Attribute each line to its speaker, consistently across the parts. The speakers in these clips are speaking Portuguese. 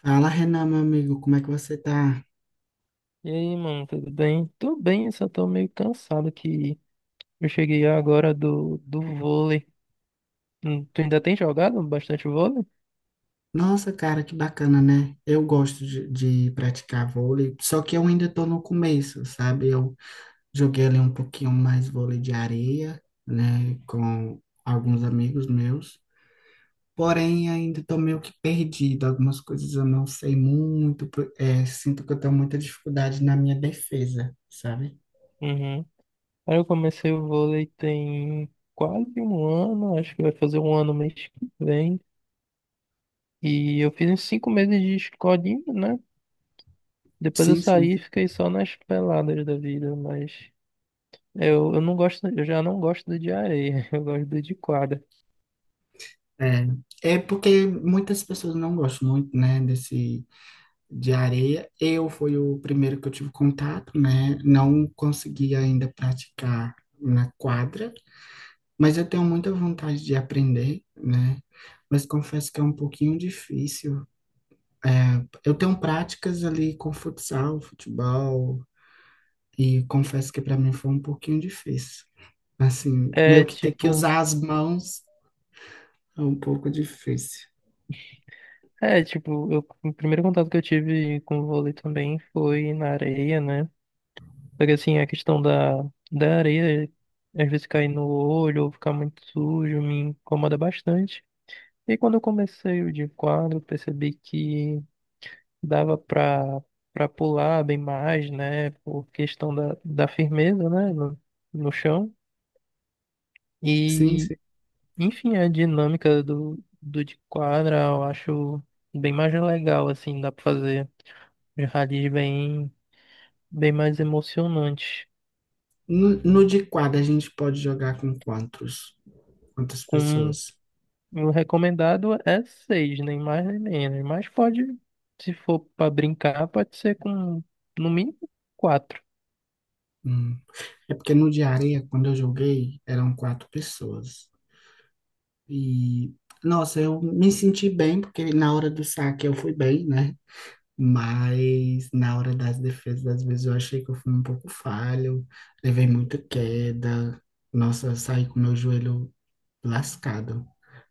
Speaker 1: Fala, Renan, meu amigo, como é que você tá?
Speaker 2: E aí, mano, tudo bem? Tô bem, eu só tô meio cansado que eu cheguei agora do vôlei. Tu ainda tem jogado bastante vôlei?
Speaker 1: Nossa, cara, que bacana, né? Eu gosto de praticar vôlei, só que eu ainda tô no começo, sabe? Eu joguei ali um pouquinho mais vôlei de areia, né, com alguns amigos meus, porém ainda tô meio que perdido, algumas coisas eu não sei muito, sinto que eu tenho muita dificuldade na minha defesa, sabe?
Speaker 2: Uhum. Aí eu comecei o vôlei tem quase um ano, acho que vai fazer um ano mês que vem. E eu fiz uns 5 meses de escolinha, né? Depois eu
Speaker 1: Sim,
Speaker 2: saí
Speaker 1: sim.
Speaker 2: e fiquei só nas peladas da vida, mas eu não gosto, eu já não gosto do de areia, eu gosto do de quadra.
Speaker 1: É porque muitas pessoas não gostam muito, né, desse de areia. Eu fui o primeiro que eu tive contato, né? Não consegui ainda praticar na quadra, mas eu tenho muita vontade de aprender, né? Mas confesso que é um pouquinho difícil. É, eu tenho práticas ali com futsal, futebol, e confesso que para mim foi um pouquinho difícil. Assim, meio
Speaker 2: É
Speaker 1: que ter que
Speaker 2: tipo,
Speaker 1: usar as mãos é um pouco difícil.
Speaker 2: É, tipo, o primeiro contato que eu tive com o vôlei também foi na areia, né? Porque assim, a questão da areia, às vezes cair no olho ou ficar muito sujo, me incomoda bastante. E quando eu comecei o de quadro, eu percebi que dava pra pular bem mais, né? Por questão da firmeza, né? No, no chão.
Speaker 1: Sim,
Speaker 2: E,
Speaker 1: sim.
Speaker 2: enfim, a dinâmica do de quadra eu acho bem mais legal, assim, dá pra fazer. Os Rallies bem mais emocionantes.
Speaker 1: No de quadra, a gente pode jogar com quantos? Quantas
Speaker 2: Com
Speaker 1: pessoas?
Speaker 2: o recomendado é seis, nem mais nem menos. Mas pode, se for para brincar, pode ser com no mínimo quatro.
Speaker 1: Hum. É porque no de areia, quando eu joguei, eram quatro pessoas. E, nossa, eu me senti bem, porque na hora do saque eu fui bem, né? Mas na hora das defesas, às vezes eu achei que eu fui um pouco falho, levei muita queda. Nossa, eu saí com meu joelho lascado,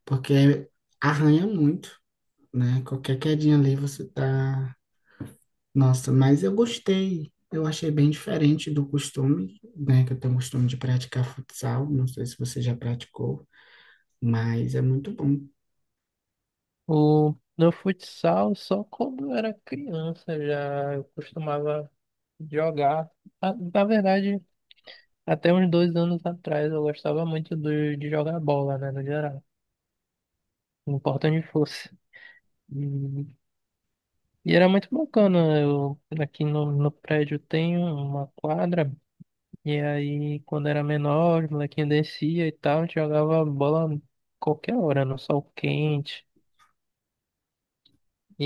Speaker 1: porque arranha muito, né? Qualquer quedinha ali você tá nossa, mas eu gostei. Eu achei bem diferente do costume, né? Que eu tenho o costume de praticar futsal. Não sei se você já praticou, mas é muito bom.
Speaker 2: No futsal, só quando eu era criança já eu costumava jogar. Ah, na verdade, até uns 2 anos atrás eu gostava muito de jogar bola, né, no geral. Não importa onde fosse. E era muito bacana. Aqui no prédio tem uma quadra, e aí quando era menor, os molequinhos descia e tal, a gente jogava bola qualquer hora, no sol quente.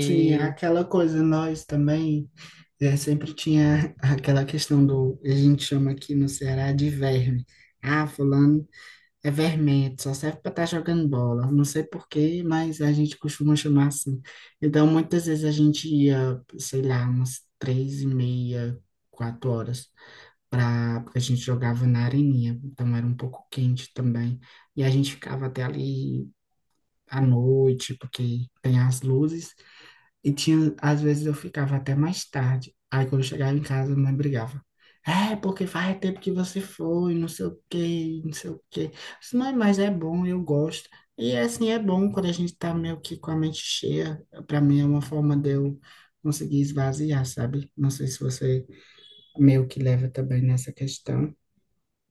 Speaker 1: Sim, é aquela coisa, nós também é, sempre tinha aquela questão do, a gente chama aqui no Ceará de verme. Ah, fulano é vermelho, só serve para estar jogando bola. Não sei por quê, mas a gente costuma chamar assim. Então, muitas vezes a gente ia, sei lá, umas três e meia, quatro horas pra, porque a gente jogava na areninha, então era um pouco quente também. E a gente ficava até ali à noite, porque tem as luzes, e tinha, às vezes eu ficava até mais tarde. Aí quando eu chegava em casa, a mãe brigava. É, porque faz tempo que você foi, não sei o quê, não sei o quê. Eu disse, mãe, mas é bom, eu gosto. E assim, é bom quando a gente tá meio que com a mente cheia. Pra mim é uma forma de eu conseguir esvaziar, sabe? Não sei se você meio que leva também nessa questão.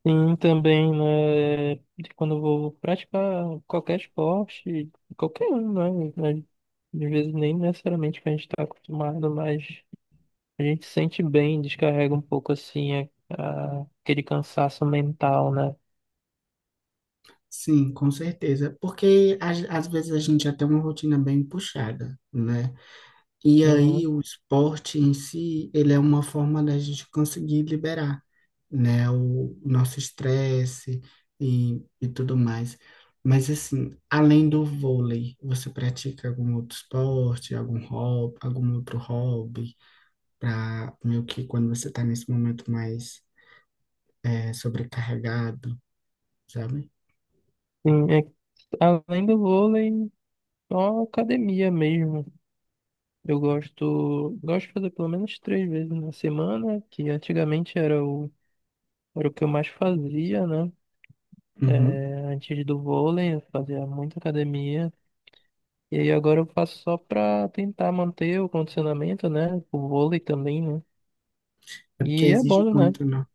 Speaker 2: sim, também, né, de quando eu vou praticar qualquer esporte, qualquer um, né, às vezes nem necessariamente que a gente está acostumado, mas a gente sente bem, descarrega um pouco assim a- aquele cansaço mental, né?
Speaker 1: Sim, com certeza. Porque às vezes a gente já tem uma rotina bem puxada, né? E aí
Speaker 2: Uhum.
Speaker 1: o esporte em si, ele é uma forma da gente conseguir liberar, né? O, nosso estresse e tudo mais. Mas assim, além do vôlei, você pratica algum outro esporte, algum hobby, algum outro hobby, para meio que quando você está nesse momento mais sobrecarregado, sabe?
Speaker 2: Sim, é, que além do vôlei, só academia mesmo. Eu gosto de fazer pelo menos três vezes na semana, que antigamente era o que eu mais fazia, né? É,
Speaker 1: Uhum.
Speaker 2: antes do vôlei, eu fazia muita academia. E aí agora eu faço só pra tentar manter o condicionamento, né? O vôlei também, né?
Speaker 1: É porque
Speaker 2: E é
Speaker 1: exige
Speaker 2: bom, né?
Speaker 1: muito, né?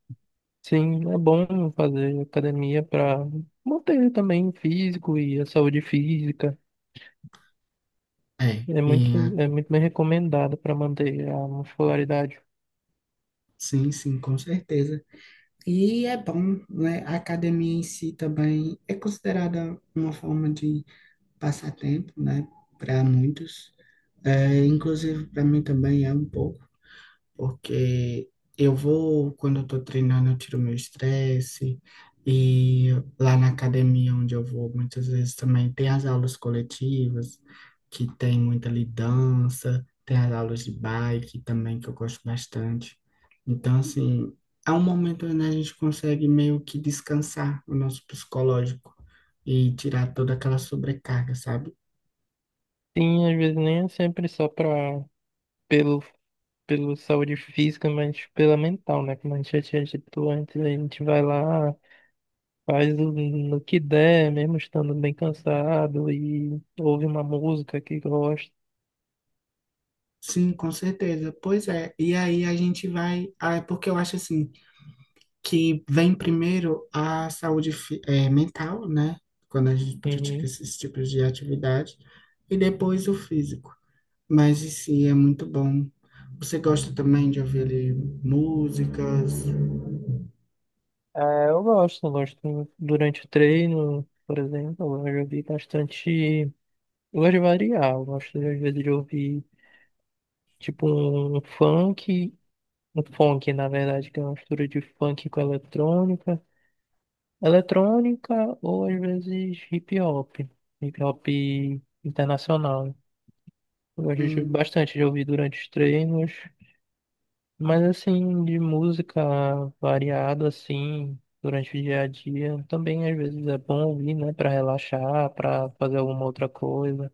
Speaker 2: Sim, é bom fazer academia pra manter também o físico e a saúde física.
Speaker 1: É,
Speaker 2: É muito,
Speaker 1: e a-
Speaker 2: é muito bem recomendado para manter a muscularidade.
Speaker 1: sim, sim, com certeza. E é bom, né? A academia em si também é considerada uma forma de passatempo, né? Para muitos. É, inclusive, para mim também é um pouco. Porque eu vou, quando eu tô treinando, eu tiro meu estresse. E lá na academia onde eu vou, muitas vezes também tem as aulas coletivas, que tem muita lidança, tem as aulas de bike também, que eu gosto bastante. Então, assim, é um momento onde a gente consegue meio que descansar o nosso psicológico e tirar toda aquela sobrecarga, sabe?
Speaker 2: Sim, às vezes nem é sempre só pelo, pelo saúde física, mas pela mental, né? Como a gente já tinha dito antes, a gente vai lá, faz no que der, mesmo estando bem cansado, e ouve uma música que gosta.
Speaker 1: Sim, com certeza. Pois é. E aí a gente vai. Ah, é porque eu acho assim. Que vem primeiro a saúde mental, né? Quando a gente
Speaker 2: Uhum.
Speaker 1: pratica esses tipos de atividade, e depois o físico. Mas em si é muito bom. Você gosta também de ouvir ali, músicas?
Speaker 2: É, eu gosto durante o treino, por exemplo, eu gosto de ouvir bastante. Eu gosto de variar, eu gosto às vezes de ouvir tipo um funk. Um funk, na verdade, que é uma mistura de funk com eletrônica. Eletrônica ou às vezes hip hop. Hip hop internacional. Eu gosto
Speaker 1: Hum,
Speaker 2: bastante de ouvir durante os treinos. Mas assim, de música variada, assim, durante o dia a dia. Também às vezes é bom ouvir, né? Pra relaxar, pra fazer alguma outra coisa.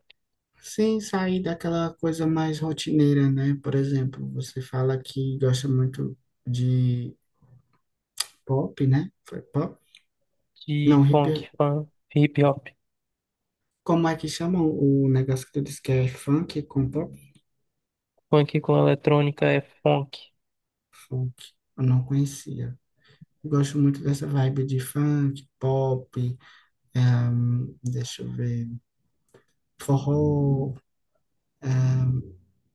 Speaker 1: Sem sair daquela coisa mais rotineira, né? Por exemplo, você fala que gosta muito de pop, né? Foi pop?
Speaker 2: De
Speaker 1: Não,
Speaker 2: funk,
Speaker 1: hip.
Speaker 2: funk, hip hop.
Speaker 1: Como é que chama o negócio que tu disse que é funk com pop?
Speaker 2: Funk com eletrônica é funk.
Speaker 1: Funk. Eu não conhecia. Eu gosto muito dessa vibe de funk, pop, deixa eu ver, forró,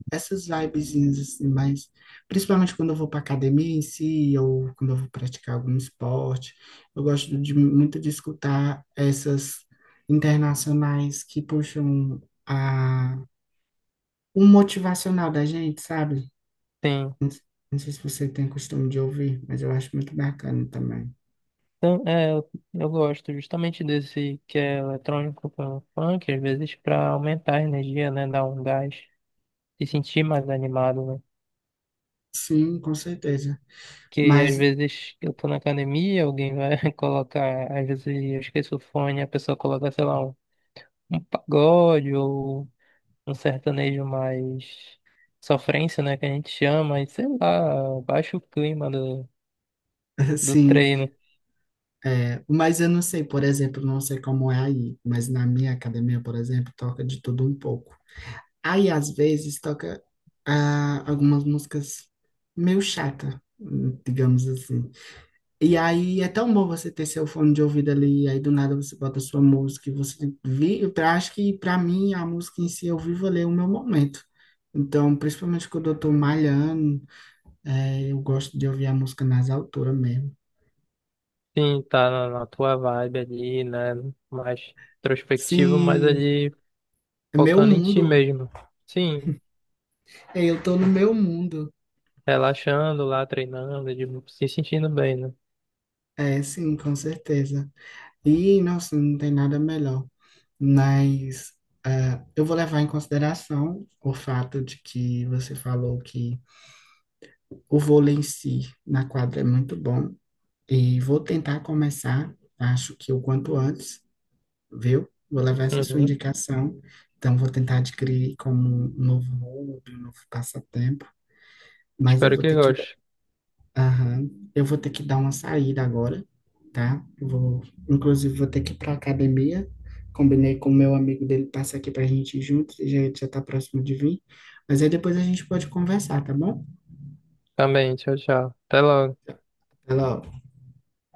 Speaker 1: essas vibezinhas assim, mas principalmente quando eu vou para academia em si, ou quando eu vou praticar algum esporte, eu gosto de, muito de escutar essas internacionais que puxam a, o motivacional da gente, sabe?
Speaker 2: Sim.
Speaker 1: Não, não sei se você tem costume de ouvir, mas eu acho muito bacana também.
Speaker 2: Então, eu gosto justamente desse que é eletrônico pelo funk, às vezes para aumentar a energia, né? Dar um gás e sentir mais animado, né?
Speaker 1: Sim, com certeza.
Speaker 2: Que às
Speaker 1: Mas,
Speaker 2: vezes eu tô na academia, alguém vai colocar, às vezes eu esqueço o fone, a pessoa coloca, sei lá, um pagode ou um sertanejo mais sofrência, né? Que a gente chama, e sei lá, baixa o clima do, do
Speaker 1: assim,
Speaker 2: treino.
Speaker 1: é, mas eu não sei, por exemplo, não sei como é aí, mas na minha academia, por exemplo, toca de tudo um pouco. Aí, às vezes, toca ah, algumas músicas meio chata, digamos assim. E aí é tão bom você ter seu fone de ouvido ali, aí do nada você bota sua música e você vive. Eu acho que, para mim, a música em si, eu vivo ali o meu momento. Então, principalmente quando eu tô malhando, é, eu gosto de ouvir a música nas alturas mesmo.
Speaker 2: Sim, tá na tua vibe ali, né? Mais introspectivo, mas
Speaker 1: Sim,
Speaker 2: ali
Speaker 1: é meu
Speaker 2: focando em ti
Speaker 1: mundo.
Speaker 2: mesmo. Sim,
Speaker 1: É, eu tô no meu mundo.
Speaker 2: relaxando lá, treinando, se sentindo bem, né?
Speaker 1: É, sim, com certeza. E, nossa, não tem nada melhor. Mas eu vou levar em consideração o fato de que você falou que o vôlei em si na quadra é muito bom. E vou tentar começar, acho que o quanto antes, viu? Vou levar essa sua
Speaker 2: Uhum.
Speaker 1: indicação. Então, vou tentar adquirir como um novo hobby, um novo passatempo. Mas eu
Speaker 2: Espero
Speaker 1: vou
Speaker 2: que
Speaker 1: ter que...
Speaker 2: goste.
Speaker 1: Aham. Eu vou ter que dar uma saída agora, tá? Eu vou, inclusive, vou ter que ir para academia. Combinei com o meu amigo dele passar aqui para a gente ir junto, já já tá próximo de vir. Mas aí depois a gente pode conversar, tá bom?
Speaker 2: Também, tchau, tchau. Até logo.
Speaker 1: Até logo.